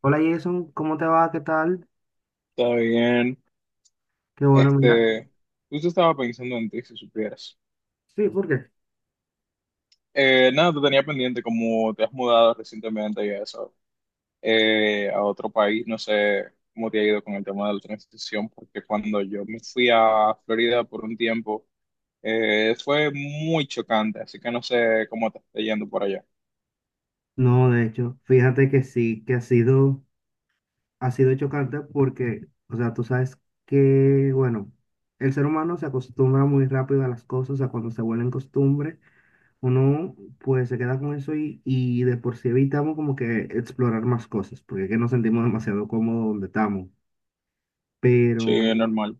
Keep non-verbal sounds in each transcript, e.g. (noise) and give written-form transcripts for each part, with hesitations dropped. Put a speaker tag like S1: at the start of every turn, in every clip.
S1: Hola Jason, ¿cómo te va? ¿Qué tal?
S2: Está bien.
S1: Qué bueno, mira.
S2: Este, Justo estaba pensando en ti, si supieras.
S1: Sí, ¿por qué?
S2: Nada, te tenía pendiente, como te has mudado recientemente y eso, a otro país, no sé cómo te ha ido con el tema de la transición, porque cuando yo me fui a Florida por un tiempo, fue muy chocante, así que no sé cómo te está yendo por allá.
S1: No, de hecho, fíjate que sí, que ha sido chocante porque, o sea, tú sabes que, bueno, el ser humano se acostumbra muy rápido a las cosas, o sea, cuando se vuelven costumbre, uno pues se queda con eso y de por sí evitamos como que explorar más cosas, porque es que nos sentimos demasiado cómodos donde estamos.
S2: Sí, es
S1: Pero,
S2: normal.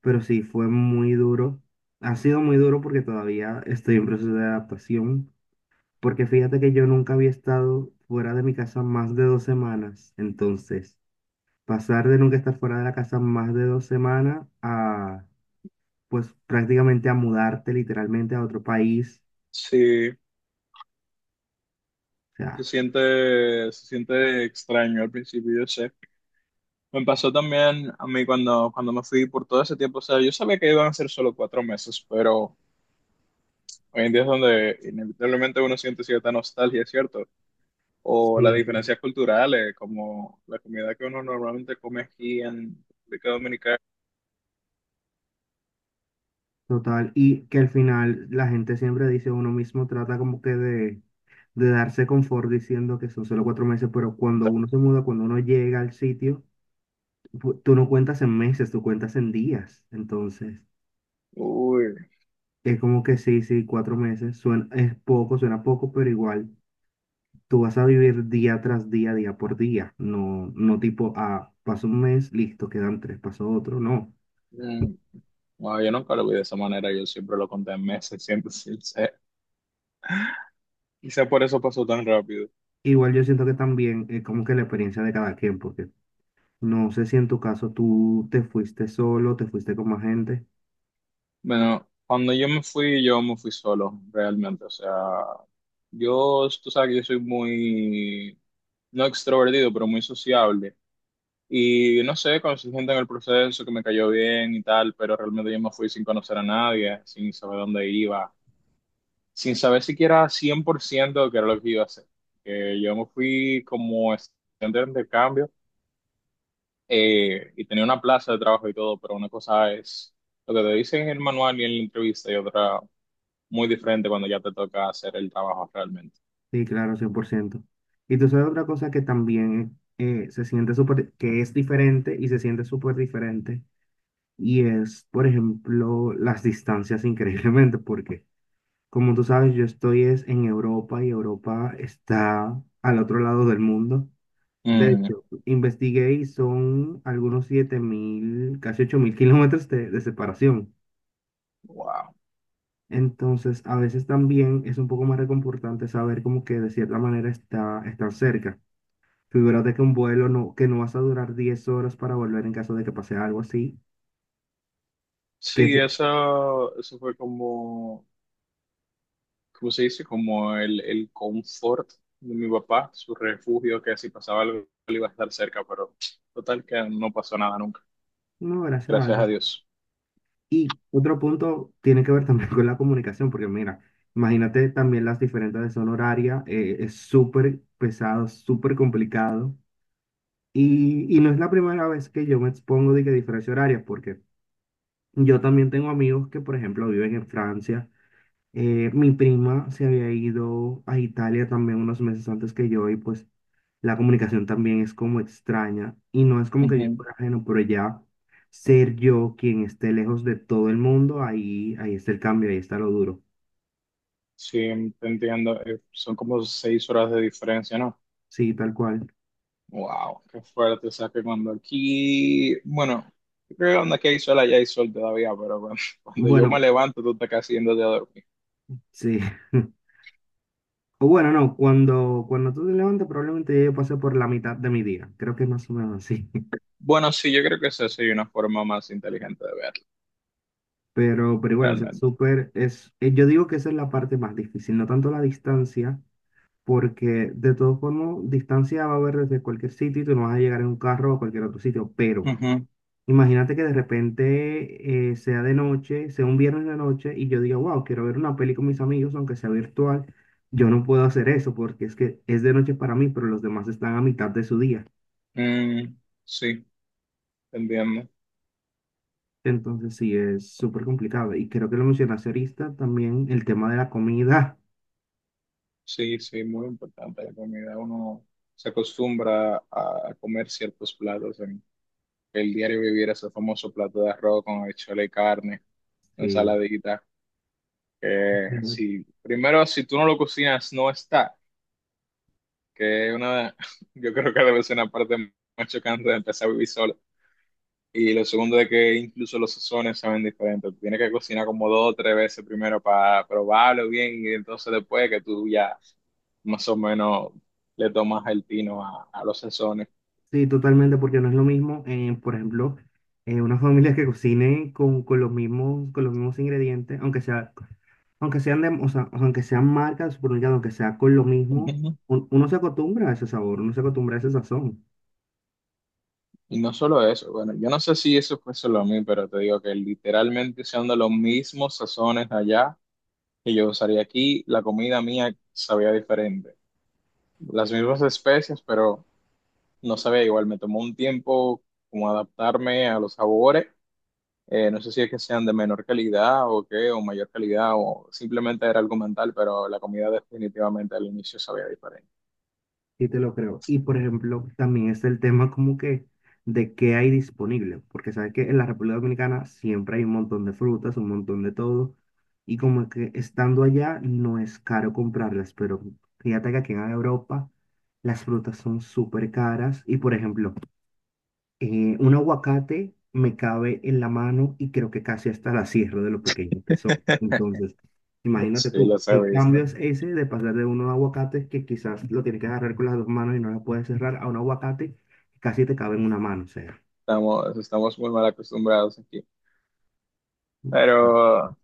S1: pero sí, fue muy duro. Ha sido muy duro porque todavía estoy en proceso de adaptación. Porque fíjate que yo nunca había estado fuera de mi casa más de dos semanas. Entonces, pasar de nunca estar fuera de la casa más de dos semanas a, pues prácticamente a mudarte literalmente a otro país.
S2: Sí,
S1: O
S2: se
S1: sea,
S2: siente, se siente extraño al principio, yo sé. Me pasó también a mí cuando me fui por todo ese tiempo. O sea, yo sabía que iban a ser solo 4 meses, pero hoy en día es donde inevitablemente uno siente cierta nostalgia, ¿cierto? O las
S1: sí,
S2: diferencias culturales, como la comida que uno normalmente come aquí en República Dominicana.
S1: total. Y que al final la gente siempre dice, uno mismo trata como que de darse confort diciendo que son solo cuatro meses, pero cuando uno se muda, cuando uno llega al sitio, tú no cuentas en meses, tú cuentas en días. Entonces.
S2: Uy,
S1: Es como que sí, sí, cuatro meses. Suena, es poco, suena poco, pero igual tú vas a vivir día tras día, día por día. No, no tipo, ah, pasó un mes, listo, quedan tres, pasó otro. No.
S2: mm, no, yo nunca lo vi de esa manera, yo siempre lo conté en meses, siempre sincero. Quizá por eso pasó tan rápido.
S1: Igual yo siento que también es como que la experiencia de cada quien, porque no sé si en tu caso tú te fuiste solo, te fuiste con más gente.
S2: Bueno, cuando yo me fui solo, realmente. O sea, yo, tú sabes que yo soy muy, no extrovertido, pero muy sociable. Y no sé, conocí gente en el proceso que me cayó bien y tal, pero realmente yo me fui sin conocer a nadie, sin saber dónde iba, sin saber siquiera 100% de qué era lo que iba a hacer. Que yo me fui como estudiante de intercambio y tenía una plaza de trabajo y todo, pero una cosa es lo que te dicen en el manual y en la entrevista y otra muy diferente cuando ya te toca hacer el trabajo realmente.
S1: Sí, claro, cien por ciento. Y tú sabes otra cosa que también se siente súper, que es diferente y se siente súper diferente. Y es, por ejemplo, las distancias increíblemente, porque como tú sabes, yo estoy es en Europa y Europa está al otro lado del mundo. De
S2: Mm,
S1: hecho, investigué y son algunos 7.000 casi 8.000 kilómetros de separación.
S2: wow.
S1: Entonces, a veces también es un poco más reconfortante saber como que de cierta manera están cerca. Figúrate que un vuelo no, que no vas a durar 10 horas para volver en caso de que pase algo así. Que
S2: Sí,
S1: es-
S2: eso fue como, ¿cómo se dice? Como el confort de mi papá, su refugio, que si pasaba algo él iba a estar cerca, pero total que no pasó nada nunca,
S1: no, gracias a
S2: gracias a
S1: Dios.
S2: Dios.
S1: Y otro punto tiene que ver también (laughs) con la comunicación, porque mira, imagínate también las diferentes de zona horaria, es súper pesado, súper complicado. Y no es la primera vez que yo me expongo de que diferencia horaria, porque yo también tengo amigos que, por ejemplo, viven en Francia, mi prima se había ido a Italia también unos meses antes que yo y pues la comunicación también es como extraña y no es como que yo
S2: Ujú.
S1: fuera ajeno, pero ya ser yo quien esté lejos de todo el mundo, ahí está el cambio, ahí está lo duro.
S2: Sí, te entiendo, son como 6 horas de diferencia, ¿no?
S1: Sí, tal cual.
S2: Wow, qué fuerte, o sea que cuando aquí, bueno, yo creo que cuando aquí hay sol, allá hay sol todavía, pero cuando, (laughs) cuando yo me
S1: Bueno,
S2: levanto, tú estás casi yéndote a dormir.
S1: sí. (laughs) O bueno, no, cuando, tú te levantes probablemente ya yo pasé por la mitad de mi día, creo que es más o menos así. (laughs)
S2: Bueno, sí, yo creo que esa sería una forma más inteligente de verlo,
S1: Pero igual, o sea,
S2: realmente.
S1: súper, yo digo que esa es la parte más difícil, no tanto la distancia porque de todos formas, distancia va a haber desde cualquier sitio y tú no vas a llegar en un carro a cualquier otro sitio, pero
S2: Ujú.
S1: imagínate que de repente sea de noche, sea un viernes de noche y yo diga, wow, quiero ver una peli con mis amigos, aunque sea virtual, yo no puedo hacer eso porque es que es de noche para mí, pero los demás están a mitad de su día.
S2: Mm, sí, entiendo.
S1: Entonces sí, es súper complicado. Y creo que lo mencionaste ahorita también, el tema de la comida.
S2: Sí, sí, muy importante la comida. Uno se acostumbra a comer ciertos platos en el diario vivir, ese famoso plato de arroz con habichuela y carne,
S1: Sí.
S2: ensaladita, que si, primero, si tú no lo cocinas, no está, que es una, (laughs) yo creo que debe ser una parte más chocante de empezar a vivir solo. Y lo segundo es que incluso los sazones saben diferentes. Tú tienes que cocinar como dos o tres veces primero para probarlo bien y entonces después que tú ya más o menos le tomas el tino a los sazones.
S1: Sí, totalmente, porque no es lo mismo, por ejemplo, unas familias que cocinen con los mismos, con los mismos ingredientes, aunque sea, aunque sean de, o sea, aunque sean marcas del supermercado, aunque sea con lo mismo,
S2: Ujú.
S1: uno se acostumbra a ese sabor, uno se acostumbra a ese sazón.
S2: Y no solo eso, bueno, yo no sé si eso fue solo a mí, pero te digo que literalmente usando los mismos sazones allá que yo usaría aquí, la comida mía sabía diferente. Las mismas especias pero no sabía igual. Me tomó un tiempo como adaptarme a los sabores. No sé si es que sean de menor calidad o qué, o mayor calidad, o simplemente era algo mental, pero la comida definitivamente al inicio sabía diferente.
S1: Sí, te lo creo. Y por ejemplo, también es el tema como que de qué hay disponible, porque sabes que en la República Dominicana siempre hay un montón de frutas, un montón de todo, y como que estando allá no es caro comprarlas, pero fíjate que aquí en Europa las frutas son súper caras y por ejemplo, un aguacate me cabe en la mano y creo que casi hasta la cierro de lo pequeños que son.
S2: (laughs)
S1: Entonces, imagínate
S2: Sí,
S1: tú,
S2: los he
S1: el cambio
S2: visto.
S1: es ese de pasar de unos aguacates que quizás lo tienes que agarrar con las dos manos y no la puedes cerrar a un aguacate que casi te cabe en una mano, o sea.
S2: Estamos muy mal acostumbrados aquí. Pero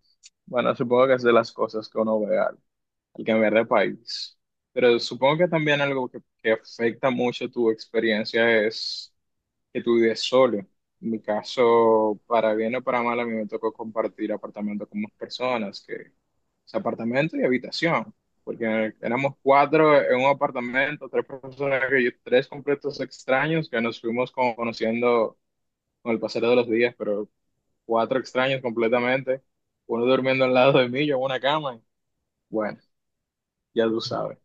S2: bueno, supongo que es de las cosas que uno ve al, al cambiar de país. Pero supongo que también algo que afecta mucho tu experiencia es que tú vives solo. En mi caso, para bien o para mal, a mí me tocó compartir apartamento con más personas, que es apartamento y habitación, porque éramos cuatro en un apartamento, tres personas, tres completos extraños que nos fuimos como conociendo con el pasar de los días, pero cuatro extraños completamente, uno durmiendo al lado de mí, yo en una cama, bueno, ya tú sabes.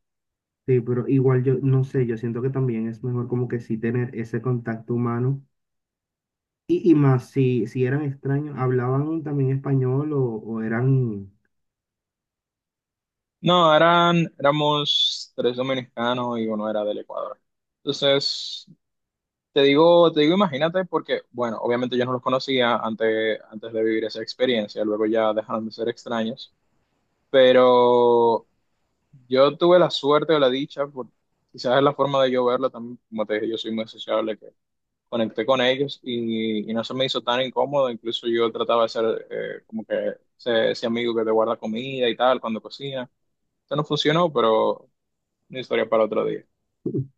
S1: Sí, pero igual yo no sé, yo siento que también es mejor como que sí tener ese contacto humano y más si, eran extraños, hablaban también español o eran.
S2: No, eran, éramos tres dominicanos y uno era del Ecuador. Entonces, te digo, te digo, imagínate, porque, bueno, obviamente yo no los conocía antes, antes de vivir esa experiencia, luego ya dejaron de ser extraños, pero yo tuve la suerte o la dicha, quizás es la forma de yo verlo también, como te dije, yo soy muy sociable, que conecté con ellos y no se me hizo tan incómodo, incluso yo trataba de ser como que ese amigo que te guarda comida y tal cuando cocina, eso no funcionó, pero una historia para otro día.
S1: (laughs)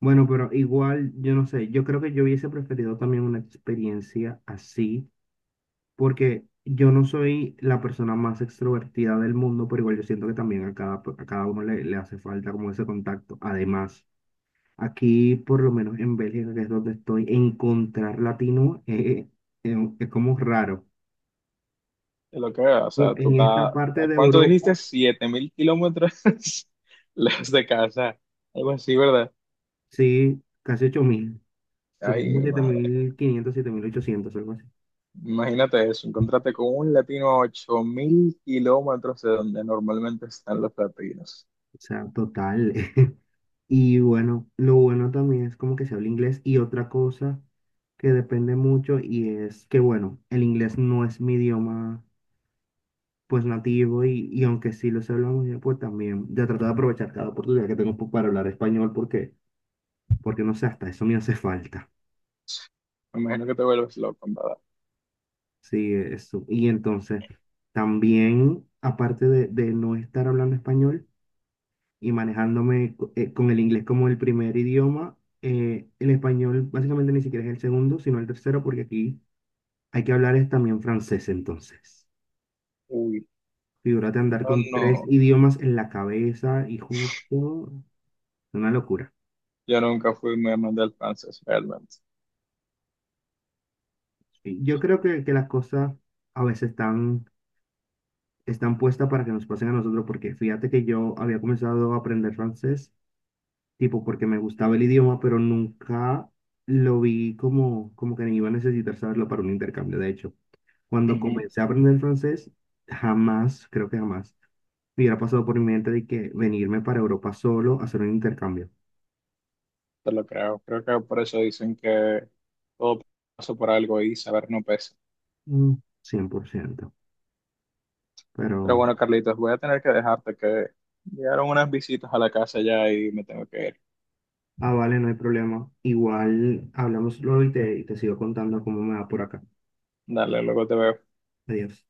S1: Bueno, pero igual, yo no sé, yo creo que yo hubiese preferido también una experiencia así, porque yo no soy la persona más extrovertida del mundo, pero igual yo siento que también a cada uno le hace falta como ese contacto. Además, aquí, por lo menos en Bélgica, que es donde estoy, encontrar latino es como raro.
S2: Es lo que veo, o sea, tú
S1: En esta
S2: estás,
S1: parte
S2: ¿a
S1: de
S2: cuánto dijiste?
S1: Europa,
S2: 7000 kilómetros (laughs) lejos de casa, algo así, ¿verdad?
S1: sí, casi ocho mil, son
S2: Ay,
S1: como
S2: mi
S1: siete
S2: madre,
S1: mil quinientos, siete mil 7.800, algo así.
S2: imagínate eso, encontrarte con un latino a 8000 kilómetros de donde normalmente están los latinos.
S1: O sea, total. (laughs) Y bueno, lo bueno también es como que se habla inglés. Y otra cosa que depende mucho y es que, bueno, el inglés no es mi idioma pues nativo y aunque sí lo sé hablar muy bien, pues también ya trato de aprovechar cada oportunidad que tengo pues, para hablar español porque no sé, hasta eso me hace falta.
S2: Me imagino que te vuelves loco, en ¿verdad?
S1: Sí, eso. Y entonces, también, aparte de, no estar hablando español, y manejándome con el inglés como el primer idioma. El español básicamente ni siquiera es el segundo, sino el tercero, porque aquí hay que hablar es también francés, entonces.
S2: Uy,
S1: Figúrate andar
S2: no,
S1: con tres
S2: no,
S1: idiomas en la cabeza y justo, una locura.
S2: yo nunca fui muy amante del francés, realmente.
S1: Sí, yo creo que, las cosas a veces están puestas para que nos pasen a nosotros, porque fíjate que yo había comenzado a aprender francés, tipo porque me gustaba el idioma, pero nunca lo vi como que ni iba a necesitar saberlo para un intercambio, de hecho. Cuando
S2: Ujú,
S1: comencé a aprender francés, jamás, creo que jamás, me hubiera pasado por mi mente de que venirme para Europa solo a hacer un intercambio.
S2: te lo creo, creo que por eso dicen que todo pasa por algo y saber no pesa.
S1: Mm, 100%.
S2: Pero
S1: Pero,
S2: bueno, Carlitos, voy a tener que dejarte que llegaron unas visitas a la casa ya y me tengo que ir.
S1: ah, vale, no hay problema. Igual hablamos luego y te sigo contando cómo me va por acá.
S2: Dale, luego te veo.
S1: Adiós.